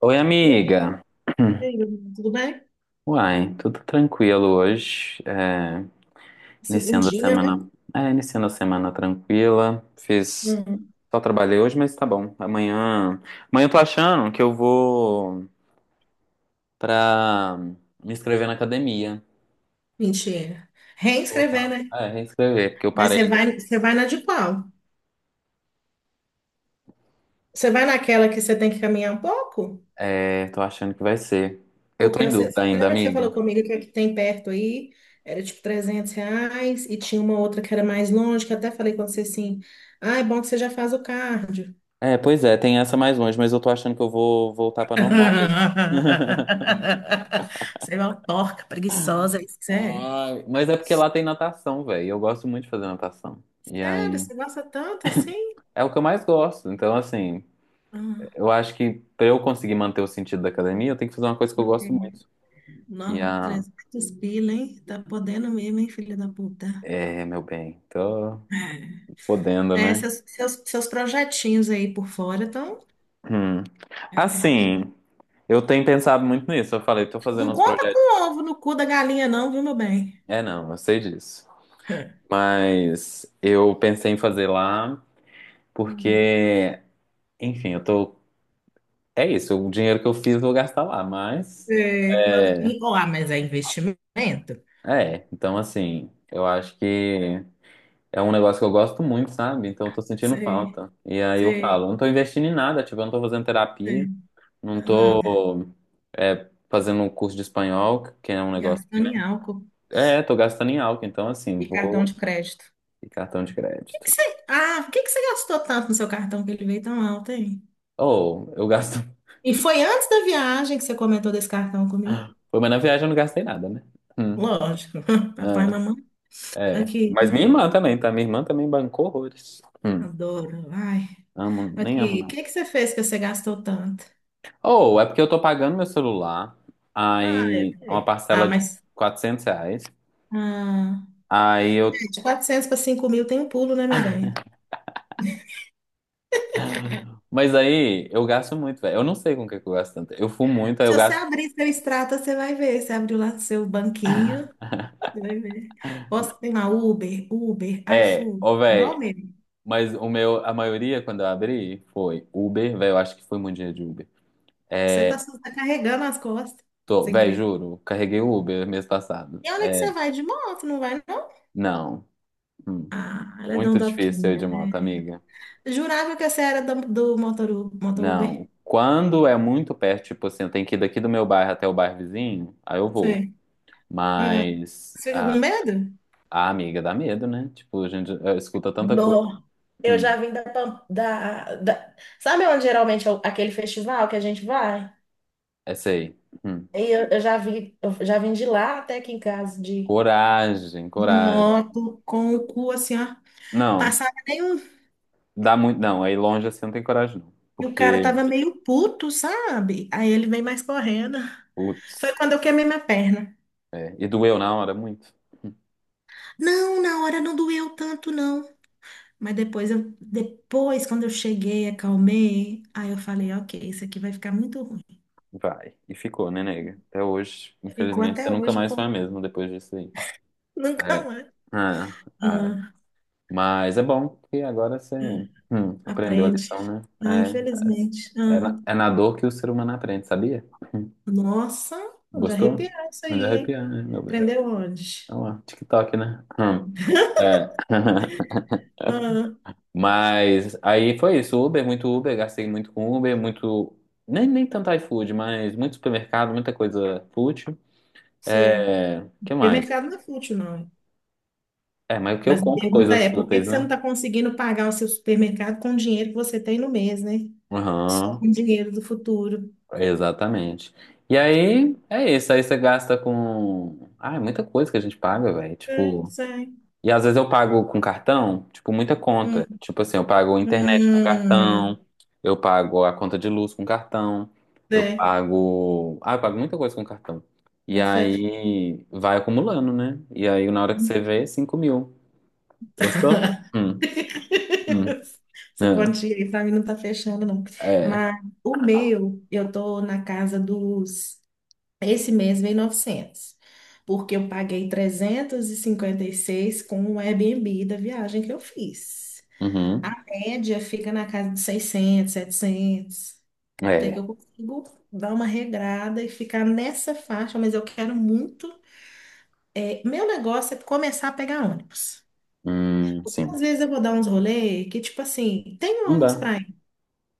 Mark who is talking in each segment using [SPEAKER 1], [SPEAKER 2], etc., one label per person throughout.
[SPEAKER 1] Oi,
[SPEAKER 2] E amiga,
[SPEAKER 1] amiga.
[SPEAKER 2] e aí, tudo bem?
[SPEAKER 1] Uai, tudo tranquilo hoje. É, iniciando a
[SPEAKER 2] Segundinha, né?
[SPEAKER 1] semana. É, iniciando a semana tranquila. Fiz.
[SPEAKER 2] Hum,
[SPEAKER 1] Só trabalhei hoje, mas tá bom. Amanhã eu tô achando que eu vou pra me inscrever na academia.
[SPEAKER 2] mentira. Reescrever,
[SPEAKER 1] Voltar.
[SPEAKER 2] né?
[SPEAKER 1] É, reinscrever, porque eu
[SPEAKER 2] Mas você
[SPEAKER 1] parei.
[SPEAKER 2] vai, você vai na de qual? Você vai naquela que você tem que caminhar um pouco?
[SPEAKER 1] É, tô achando que vai ser. Eu tô
[SPEAKER 2] Porque
[SPEAKER 1] em
[SPEAKER 2] você
[SPEAKER 1] dúvida ainda,
[SPEAKER 2] lembra que você
[SPEAKER 1] amiga.
[SPEAKER 2] falou comigo que a que tem perto aí era tipo R$ 300 e tinha uma outra que era mais longe, que eu até falei com você assim, ah, é bom que você já faz o cardio.
[SPEAKER 1] É, pois é, tem essa mais longe, mas eu tô achando que eu vou voltar pra normal mesmo.
[SPEAKER 2] Você é uma porca preguiçosa, é isso é.
[SPEAKER 1] Ai, mas é porque lá tem natação, velho. Eu gosto muito de fazer natação. E
[SPEAKER 2] Sério,
[SPEAKER 1] aí,
[SPEAKER 2] você gosta tanto assim?
[SPEAKER 1] é o que eu mais gosto. Então, assim,
[SPEAKER 2] Ah,
[SPEAKER 1] eu acho que pra eu conseguir manter o sentido da academia, eu tenho que fazer uma coisa que eu gosto
[SPEAKER 2] ok.
[SPEAKER 1] muito. E
[SPEAKER 2] Não,
[SPEAKER 1] a.
[SPEAKER 2] 300 pila, hein? Tá podendo mesmo, hein, filha da puta?
[SPEAKER 1] É, meu bem, tô podendo,
[SPEAKER 2] É,
[SPEAKER 1] né?
[SPEAKER 2] seus projetinhos aí por fora, então.
[SPEAKER 1] Hum.
[SPEAKER 2] É, é.
[SPEAKER 1] Assim, eu tenho pensado muito nisso. Eu falei, tô fazendo
[SPEAKER 2] Não
[SPEAKER 1] uns
[SPEAKER 2] conta
[SPEAKER 1] projetos.
[SPEAKER 2] com ovo no cu da galinha, não, viu, meu bem?
[SPEAKER 1] É, não, eu sei disso. Mas eu pensei em fazer lá
[SPEAKER 2] Hum.
[SPEAKER 1] porque, enfim, eu tô. É isso, o dinheiro que eu fiz eu vou gastar lá, mas.
[SPEAKER 2] É, claro. Ó, ah, mas é investimento.
[SPEAKER 1] É, então assim, eu acho que é um negócio que eu gosto muito, sabe? Então eu tô sentindo
[SPEAKER 2] Sei,
[SPEAKER 1] falta. E aí eu falo,
[SPEAKER 2] sei,
[SPEAKER 1] não tô investindo em nada, tipo, eu não tô fazendo
[SPEAKER 2] sei.
[SPEAKER 1] terapia, não
[SPEAKER 2] Nada.
[SPEAKER 1] tô fazendo um curso de espanhol, que é um negócio que,
[SPEAKER 2] Gastando
[SPEAKER 1] né?
[SPEAKER 2] em álcool
[SPEAKER 1] É, tô gastando em álcool, então assim,
[SPEAKER 2] e cartão
[SPEAKER 1] vou
[SPEAKER 2] de crédito.
[SPEAKER 1] e cartão de
[SPEAKER 2] que que
[SPEAKER 1] crédito.
[SPEAKER 2] você, ah, por que que você gastou tanto no seu cartão que ele veio tão alto, hein?
[SPEAKER 1] Ou eu gasto.
[SPEAKER 2] E foi antes da viagem que você comentou desse cartão comigo?
[SPEAKER 1] Pô, mas na viagem eu não gastei nada, né? Hum,
[SPEAKER 2] Lógico. Papai e
[SPEAKER 1] ah,
[SPEAKER 2] mamãe.
[SPEAKER 1] é.
[SPEAKER 2] Aqui,
[SPEAKER 1] Mas minha irmã também, tá? Minha irmã também bancou horrores.
[SPEAKER 2] adoro. Ai,
[SPEAKER 1] Amo, nem amo,
[SPEAKER 2] aqui, o
[SPEAKER 1] não.
[SPEAKER 2] que que você fez que você gastou tanto?
[SPEAKER 1] Ou é porque eu tô pagando meu celular,
[SPEAKER 2] Ah, é,
[SPEAKER 1] aí é uma
[SPEAKER 2] é. Ah,
[SPEAKER 1] parcela de
[SPEAKER 2] mas.
[SPEAKER 1] R$ 400,
[SPEAKER 2] Ah,
[SPEAKER 1] aí eu...
[SPEAKER 2] de 400 para 5 mil tem um pulo, né, meu bem?
[SPEAKER 1] Mas aí eu gasto muito, velho. Eu não sei com o que que eu gasto tanto. Eu fumo muito, aí
[SPEAKER 2] Se
[SPEAKER 1] eu
[SPEAKER 2] você
[SPEAKER 1] gasto...
[SPEAKER 2] abrir seu extrato, você vai ver. Você abriu lá seu banquinho, você vai ver. Posso tem lá Uber, Uber,
[SPEAKER 1] É,
[SPEAKER 2] iFood,
[SPEAKER 1] ô,
[SPEAKER 2] igual
[SPEAKER 1] velho,
[SPEAKER 2] mesmo.
[SPEAKER 1] mas o meu, a maioria, quando eu abri, foi Uber, velho, eu acho que foi muito dinheiro de Uber.
[SPEAKER 2] Você tá
[SPEAKER 1] É,
[SPEAKER 2] tá carregando as costas,
[SPEAKER 1] tô,
[SPEAKER 2] sem
[SPEAKER 1] velho,
[SPEAKER 2] preço.
[SPEAKER 1] juro, carreguei o Uber mês passado.
[SPEAKER 2] E olha que
[SPEAKER 1] É,
[SPEAKER 2] você vai de moto, não vai, não?
[SPEAKER 1] não, Hum.
[SPEAKER 2] Ah, ela é
[SPEAKER 1] muito difícil eu ir
[SPEAKER 2] dondoquinha,
[SPEAKER 1] de
[SPEAKER 2] né?
[SPEAKER 1] moto, amiga.
[SPEAKER 2] Jurava que você era do motor
[SPEAKER 1] Não,
[SPEAKER 2] Uber.
[SPEAKER 1] quando é muito perto, tipo assim, eu tenho que ir daqui do meu bairro até o bairro vizinho, aí eu vou.
[SPEAKER 2] Sei.
[SPEAKER 1] Mas
[SPEAKER 2] Você fica com
[SPEAKER 1] a,
[SPEAKER 2] medo?
[SPEAKER 1] a amiga dá medo, né? Tipo, a gente escuta tanta coisa.
[SPEAKER 2] Bom, eu
[SPEAKER 1] Hum,
[SPEAKER 2] já vim da, Pam- da, da- Sabe onde geralmente é aquele festival que a gente vai?
[SPEAKER 1] essa aí. Hum.
[SPEAKER 2] E eu já vim de lá até aqui em casa de.
[SPEAKER 1] Coragem,
[SPEAKER 2] De
[SPEAKER 1] coragem.
[SPEAKER 2] moto, com o cu assim, ó.
[SPEAKER 1] Não,
[SPEAKER 2] Passava nem um.
[SPEAKER 1] dá muito. Não, aí longe assim não tem coragem, não.
[SPEAKER 2] E o cara
[SPEAKER 1] Porque,
[SPEAKER 2] tava meio puto, sabe? Aí ele vem mais correndo. Foi
[SPEAKER 1] putz,
[SPEAKER 2] quando eu queimei minha perna.
[SPEAKER 1] é, e doeu na hora muito.
[SPEAKER 2] Não, na hora não doeu tanto, não. Mas depois quando eu cheguei, acalmei. Aí eu falei, ok, isso aqui vai ficar muito ruim.
[SPEAKER 1] Vai. E ficou, né, nega? Até hoje,
[SPEAKER 2] Ficou
[SPEAKER 1] infelizmente,
[SPEAKER 2] até
[SPEAKER 1] você nunca
[SPEAKER 2] hoje,
[SPEAKER 1] mais foi a mesma depois disso aí.
[SPEAKER 2] nunca
[SPEAKER 1] É.
[SPEAKER 2] mais.
[SPEAKER 1] Ah, ah.
[SPEAKER 2] Ah,
[SPEAKER 1] Mas é bom que agora você aprendeu a
[SPEAKER 2] aprende.
[SPEAKER 1] lição, né?
[SPEAKER 2] Ah, infelizmente.
[SPEAKER 1] É, é é
[SPEAKER 2] Ah,
[SPEAKER 1] na, é na dor que o ser humano aprende, sabia?
[SPEAKER 2] nossa, de
[SPEAKER 1] Gostou?
[SPEAKER 2] arrepiar isso aí,
[SPEAKER 1] Melhor
[SPEAKER 2] hein?
[SPEAKER 1] arrepiar, né, meu bem?
[SPEAKER 2] Aprendeu onde?
[SPEAKER 1] Olha lá, TikTok, né? Hum. É.
[SPEAKER 2] Ah,
[SPEAKER 1] Mas aí foi isso, Uber, muito Uber, gastei muito com Uber, muito. Nem tanto iFood, mas muito supermercado, muita coisa fútil.
[SPEAKER 2] sei.
[SPEAKER 1] É. Que mais?
[SPEAKER 2] Supermercado não é fútil, não.
[SPEAKER 1] É, mas o que eu
[SPEAKER 2] Mas a
[SPEAKER 1] compro
[SPEAKER 2] pergunta
[SPEAKER 1] coisas
[SPEAKER 2] é, por que
[SPEAKER 1] fúteis,
[SPEAKER 2] que você não
[SPEAKER 1] né?
[SPEAKER 2] está conseguindo pagar o seu supermercado com o dinheiro que você tem no mês, né? Só
[SPEAKER 1] Aham,
[SPEAKER 2] com o dinheiro do futuro.
[SPEAKER 1] exatamente. E aí é isso, aí você gasta com. Ah, é muita coisa que a gente paga, velho.
[SPEAKER 2] Sei,
[SPEAKER 1] Tipo.
[SPEAKER 2] sei.
[SPEAKER 1] E às vezes eu pago com cartão, tipo, muita
[SPEAKER 2] Hum,
[SPEAKER 1] conta. Tipo assim, eu pago internet com
[SPEAKER 2] hum,
[SPEAKER 1] cartão, eu pago a conta de luz com cartão, eu
[SPEAKER 2] sei.
[SPEAKER 1] pago. Ah, eu pago muita coisa com cartão. E
[SPEAKER 2] Boto fé.
[SPEAKER 1] aí vai acumulando, né? E aí na hora que você vê, 5000. Gostou? Hum.
[SPEAKER 2] Essa
[SPEAKER 1] É.
[SPEAKER 2] quantia aí pra mim não tá fechando, não.
[SPEAKER 1] É.
[SPEAKER 2] Mas o meu, eu tô na casa dos. Esse mês veio 900 porque eu paguei trezentos e cinquenta e seis com o Airbnb da viagem que eu fiz.
[SPEAKER 1] Uhum.
[SPEAKER 2] A média fica na casa de 600, 700. Até que
[SPEAKER 1] É.
[SPEAKER 2] eu consigo dar uma regrada e ficar nessa faixa, mas eu quero muito. É, meu negócio é começar a pegar ônibus.
[SPEAKER 1] Sim.
[SPEAKER 2] Às vezes eu vou dar uns rolê que, tipo assim, tem
[SPEAKER 1] Não
[SPEAKER 2] ônibus
[SPEAKER 1] dá.
[SPEAKER 2] pra ir,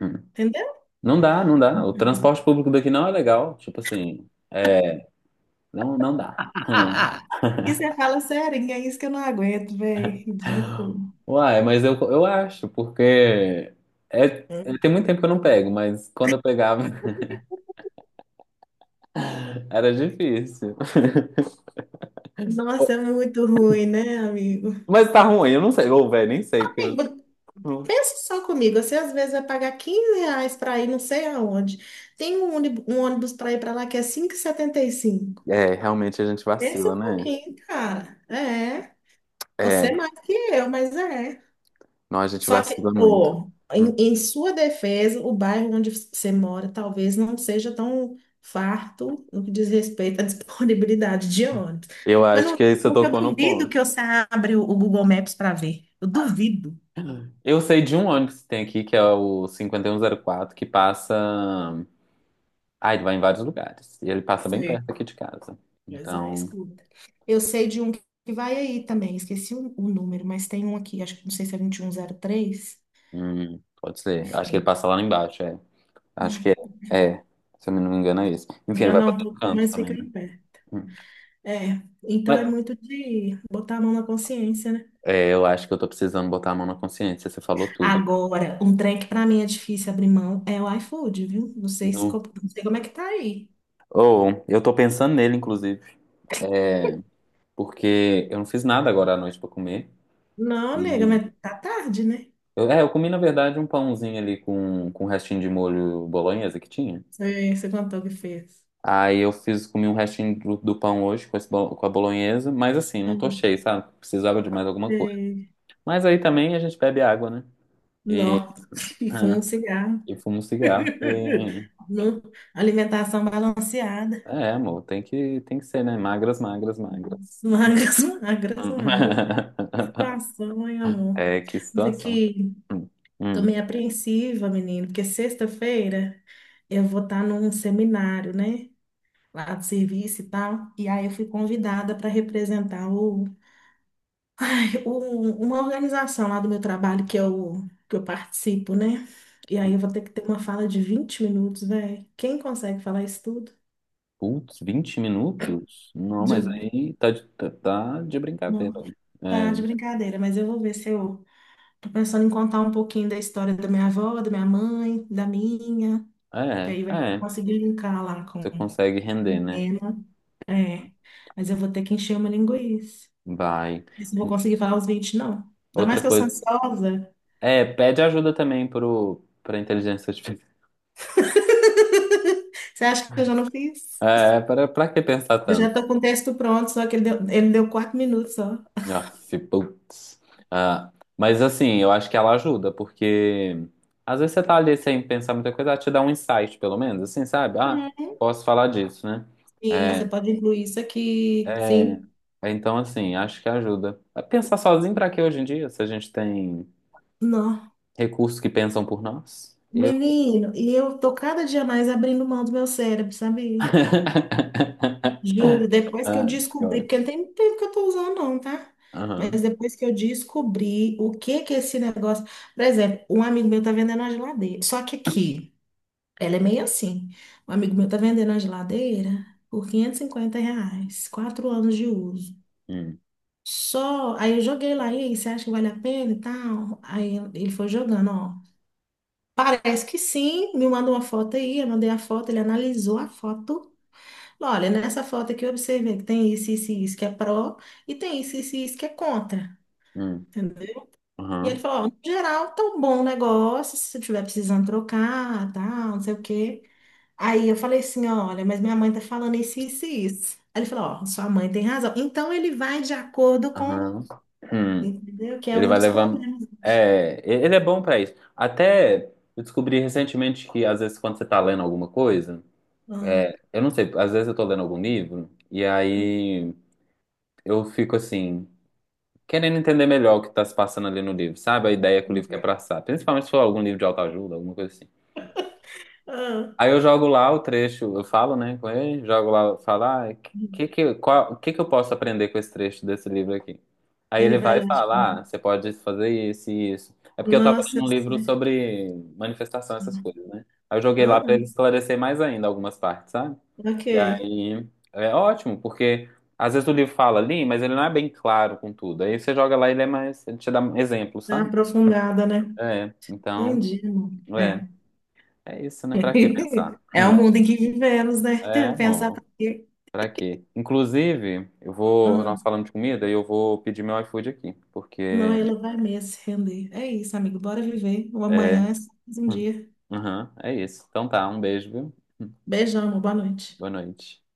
[SPEAKER 1] Hum.
[SPEAKER 2] entendeu?
[SPEAKER 1] Não dá, não dá. O transporte público daqui não é legal. Tipo assim, é. Não, não dá. Hum.
[SPEAKER 2] E você fala, sério, é isso que eu não aguento, velho. Ridículo.
[SPEAKER 1] Uai, mas eu acho, porque é, tem muito tempo que eu não pego, mas quando eu pegava era difícil.
[SPEAKER 2] Nossa, é muito ruim, né, amigo?
[SPEAKER 1] Mas tá ruim, eu não sei, ou velho, nem sei, porque eu...
[SPEAKER 2] Amigo,
[SPEAKER 1] não-
[SPEAKER 2] pensa só comigo. Você às vezes vai pagar R$ 15 para ir não sei aonde. Tem um ônibus para ir para lá que é 5,75.
[SPEAKER 1] É, realmente a gente
[SPEAKER 2] Pensa
[SPEAKER 1] vacila,
[SPEAKER 2] um
[SPEAKER 1] né?
[SPEAKER 2] pouquinho, cara. É. Você
[SPEAKER 1] É,
[SPEAKER 2] é mais que eu, mas é.
[SPEAKER 1] nós a gente
[SPEAKER 2] Só que,
[SPEAKER 1] vacila muito.
[SPEAKER 2] ô,
[SPEAKER 1] Hum.
[SPEAKER 2] em sua defesa, o bairro onde você mora talvez não seja tão farto no que diz respeito à disponibilidade de ônibus.
[SPEAKER 1] Eu
[SPEAKER 2] Mas
[SPEAKER 1] acho
[SPEAKER 2] não,
[SPEAKER 1] que aí você
[SPEAKER 2] porque eu
[SPEAKER 1] tocou no
[SPEAKER 2] duvido
[SPEAKER 1] ponto.
[SPEAKER 2] que você abra o Google Maps para ver. Eu duvido.
[SPEAKER 1] Eu sei de um ônibus que tem aqui, que é o 5104 que passa. Ah, ele vai em vários lugares. E ele passa bem
[SPEAKER 2] Sei.
[SPEAKER 1] perto aqui de casa.
[SPEAKER 2] Mas é,
[SPEAKER 1] Então,
[SPEAKER 2] escuta. Eu sei de um que vai aí também, esqueci o número, mas tem um aqui, acho que não sei se é 2103.
[SPEAKER 1] pode ser. Acho que ele passa lá embaixo, é. Acho que é.
[SPEAKER 2] Ah,
[SPEAKER 1] É. Se eu não me engano, é isso.
[SPEAKER 2] tem
[SPEAKER 1] Enfim,
[SPEAKER 2] que
[SPEAKER 1] ele vai
[SPEAKER 2] andar
[SPEAKER 1] pra
[SPEAKER 2] um
[SPEAKER 1] todo
[SPEAKER 2] pouquinho,
[SPEAKER 1] canto
[SPEAKER 2] mas
[SPEAKER 1] também,
[SPEAKER 2] fica
[SPEAKER 1] né?
[SPEAKER 2] em pé.
[SPEAKER 1] Hum.
[SPEAKER 2] É, então é
[SPEAKER 1] Mas
[SPEAKER 2] muito de botar a mão na consciência, né?
[SPEAKER 1] é, eu acho que eu tô precisando botar a mão na consciência. Você falou tudo.
[SPEAKER 2] Agora, um trem que pra mim é difícil abrir mão é o iFood, viu? Não sei, se,
[SPEAKER 1] Nu.
[SPEAKER 2] co- não sei como é que tá aí.
[SPEAKER 1] Ou, eu tô pensando nele, inclusive. É, porque eu não fiz nada agora à noite pra comer.
[SPEAKER 2] Não, nega,
[SPEAKER 1] E.
[SPEAKER 2] mas tá tarde, né?
[SPEAKER 1] eu comi, na verdade, um pãozinho ali com um restinho de molho bolonhesa que tinha.
[SPEAKER 2] Você contou o que fez.
[SPEAKER 1] Aí eu fiz, comi um restinho do pão hoje com a bolonhesa, mas assim, não tô
[SPEAKER 2] Hum,
[SPEAKER 1] cheio, sabe? Precisava de mais alguma coisa.
[SPEAKER 2] sei.
[SPEAKER 1] Mas aí também a gente bebe água, né? E
[SPEAKER 2] Nossa, e fuma um
[SPEAKER 1] hum,
[SPEAKER 2] cigarro.
[SPEAKER 1] E fumo cigarro. E...
[SPEAKER 2] Não, alimentação balanceada.
[SPEAKER 1] É, amor, tem que ser, né? Magras, magras, magras.
[SPEAKER 2] Magras, magras,
[SPEAKER 1] Hum.
[SPEAKER 2] magras. Que situação, hein, amor?
[SPEAKER 1] É, que
[SPEAKER 2] Mas é
[SPEAKER 1] situação.
[SPEAKER 2] que
[SPEAKER 1] Hum.
[SPEAKER 2] tô
[SPEAKER 1] Hum.
[SPEAKER 2] meio apreensiva, menino, porque sexta-feira eu vou estar num seminário, né? Lá do serviço e tal. E aí eu fui convidada para representar uma organização lá do meu trabalho que eu participo, né? E aí eu vou ter que ter uma fala de 20 minutos, velho. Quem consegue falar isso tudo?
[SPEAKER 1] Putz, 20 minutos? Não, mas
[SPEAKER 2] Juro.
[SPEAKER 1] aí tá de brincadeira.
[SPEAKER 2] Não, tá de
[SPEAKER 1] Né?
[SPEAKER 2] brincadeira, mas eu vou ver se eu tô pensando em contar um pouquinho da história da minha avó, da minha mãe, que
[SPEAKER 1] É,
[SPEAKER 2] aí
[SPEAKER 1] é,
[SPEAKER 2] vai
[SPEAKER 1] é.
[SPEAKER 2] conseguir linkar lá com
[SPEAKER 1] Você consegue render, né?
[SPEAKER 2] ela. É, mas eu vou ter que encher uma linguiça.
[SPEAKER 1] Vai.
[SPEAKER 2] Isso, não vou
[SPEAKER 1] Hum,
[SPEAKER 2] conseguir falar os 20 não. Ainda mais
[SPEAKER 1] Outra
[SPEAKER 2] que eu sou
[SPEAKER 1] coisa.
[SPEAKER 2] ansiosa.
[SPEAKER 1] É, pede ajuda também pro, pra inteligência artificial.
[SPEAKER 2] Você acha que eu já não fiz?
[SPEAKER 1] É, para, pra que pensar
[SPEAKER 2] Eu já
[SPEAKER 1] tanto?
[SPEAKER 2] estou com o texto pronto, só que ele deu 4 minutos só.
[SPEAKER 1] Aff, putz. Ah, mas assim, eu acho que ela ajuda, porque às vezes você tá ali sem pensar muita coisa, ela te dá um insight, pelo menos, assim, sabe? Ah,
[SPEAKER 2] Uhum.
[SPEAKER 1] posso falar disso, né?
[SPEAKER 2] Sim,
[SPEAKER 1] É,
[SPEAKER 2] você pode incluir isso aqui.
[SPEAKER 1] é,
[SPEAKER 2] Sim.
[SPEAKER 1] é, então, assim, acho que ajuda. Pensar sozinho pra quê hoje em dia, se a gente tem
[SPEAKER 2] Não.
[SPEAKER 1] recursos que pensam por nós? Eu.
[SPEAKER 2] Menino, e eu tô cada dia mais abrindo mão do meu cérebro, sabe? Juro, depois que eu
[SPEAKER 1] Ah, eu
[SPEAKER 2] descobri, porque
[SPEAKER 1] acho.
[SPEAKER 2] não tem tempo que eu tô usando, não, tá? Mas
[SPEAKER 1] Aham.
[SPEAKER 2] depois que eu descobri o que que é esse negócio. Por exemplo, um amigo meu tá vendendo uma geladeira. Só que aqui. Ela é meio assim. Um amigo meu tá vendendo a geladeira por R$ 550, 4 anos de uso.
[SPEAKER 1] Hum,
[SPEAKER 2] Só, aí eu joguei lá, e aí, você acha que vale a pena e tal? Aí ele foi jogando, ó. Parece que sim, me mandou uma foto aí, eu mandei a foto, ele analisou a foto. Falou, olha, nessa foto aqui eu observei que tem isso, isso e isso que é pró, e tem isso, isso e isso que é contra.
[SPEAKER 1] hum,
[SPEAKER 2] Entendeu? E ele
[SPEAKER 1] aham,
[SPEAKER 2] falou, ó, no geral, tá um bom negócio, se você estiver precisando trocar, tal, não sei o quê. Aí eu falei assim, olha, mas minha mãe tá falando isso, isso e isso. Aí ele falou, ó, sua mãe tem razão. Então ele vai de acordo com,
[SPEAKER 1] aham. Hum.
[SPEAKER 2] entendeu? Que é
[SPEAKER 1] Ele
[SPEAKER 2] um
[SPEAKER 1] vai
[SPEAKER 2] dos
[SPEAKER 1] levando.
[SPEAKER 2] problemas.
[SPEAKER 1] É, ele é bom pra isso. Até eu descobri recentemente que, às vezes, quando você tá lendo alguma coisa,
[SPEAKER 2] Ah,
[SPEAKER 1] eu não sei, às vezes eu tô lendo algum livro, e aí eu fico assim, querendo entender melhor o que tá se passando ali no livro, sabe? A ideia que o livro quer passar. Principalmente se for algum livro de autoajuda, alguma coisa assim.
[SPEAKER 2] ah,
[SPEAKER 1] Aí eu jogo lá o trecho, eu falo, né, com ele, jogo lá, falo, ah, que eu posso aprender com esse trecho desse livro aqui? Aí
[SPEAKER 2] ele
[SPEAKER 1] ele
[SPEAKER 2] vai
[SPEAKER 1] vai
[SPEAKER 2] lá, tipo,
[SPEAKER 1] falar, ah, você pode fazer isso e isso. É porque eu tava
[SPEAKER 2] nossa,
[SPEAKER 1] lendo
[SPEAKER 2] eu
[SPEAKER 1] um livro
[SPEAKER 2] sei.
[SPEAKER 1] sobre manifestação, essas coisas, né? Aí eu joguei lá pra
[SPEAKER 2] Ah,
[SPEAKER 1] ele esclarecer mais ainda algumas partes, sabe?
[SPEAKER 2] ok.
[SPEAKER 1] E aí é ótimo, porque às vezes o livro fala ali, mas ele não é bem claro com tudo. Aí você joga lá, e ele é mais, ele te dá exemplos,
[SPEAKER 2] Tá
[SPEAKER 1] sabe?
[SPEAKER 2] aprofundada, né?
[SPEAKER 1] É, então,
[SPEAKER 2] Entendi, amor.
[SPEAKER 1] é,
[SPEAKER 2] É.
[SPEAKER 1] é isso, né? Pra que pensar?
[SPEAKER 2] É o
[SPEAKER 1] Hum.
[SPEAKER 2] mundo em que vivemos, né?
[SPEAKER 1] É,
[SPEAKER 2] Pensar pra
[SPEAKER 1] amor.
[SPEAKER 2] quê?
[SPEAKER 1] Pra quê? Inclusive, eu vou.
[SPEAKER 2] Ah,
[SPEAKER 1] Nós falamos de comida e eu vou pedir meu iFood aqui.
[SPEAKER 2] não,
[SPEAKER 1] Porque.
[SPEAKER 2] ele vai mesmo se render. É isso, amigo. Bora viver. O amanhã
[SPEAKER 1] É.
[SPEAKER 2] é só mais um dia.
[SPEAKER 1] Uhum, é isso. Então tá, um beijo, viu? Hum.
[SPEAKER 2] Beijão, amor. Boa noite.
[SPEAKER 1] Boa noite.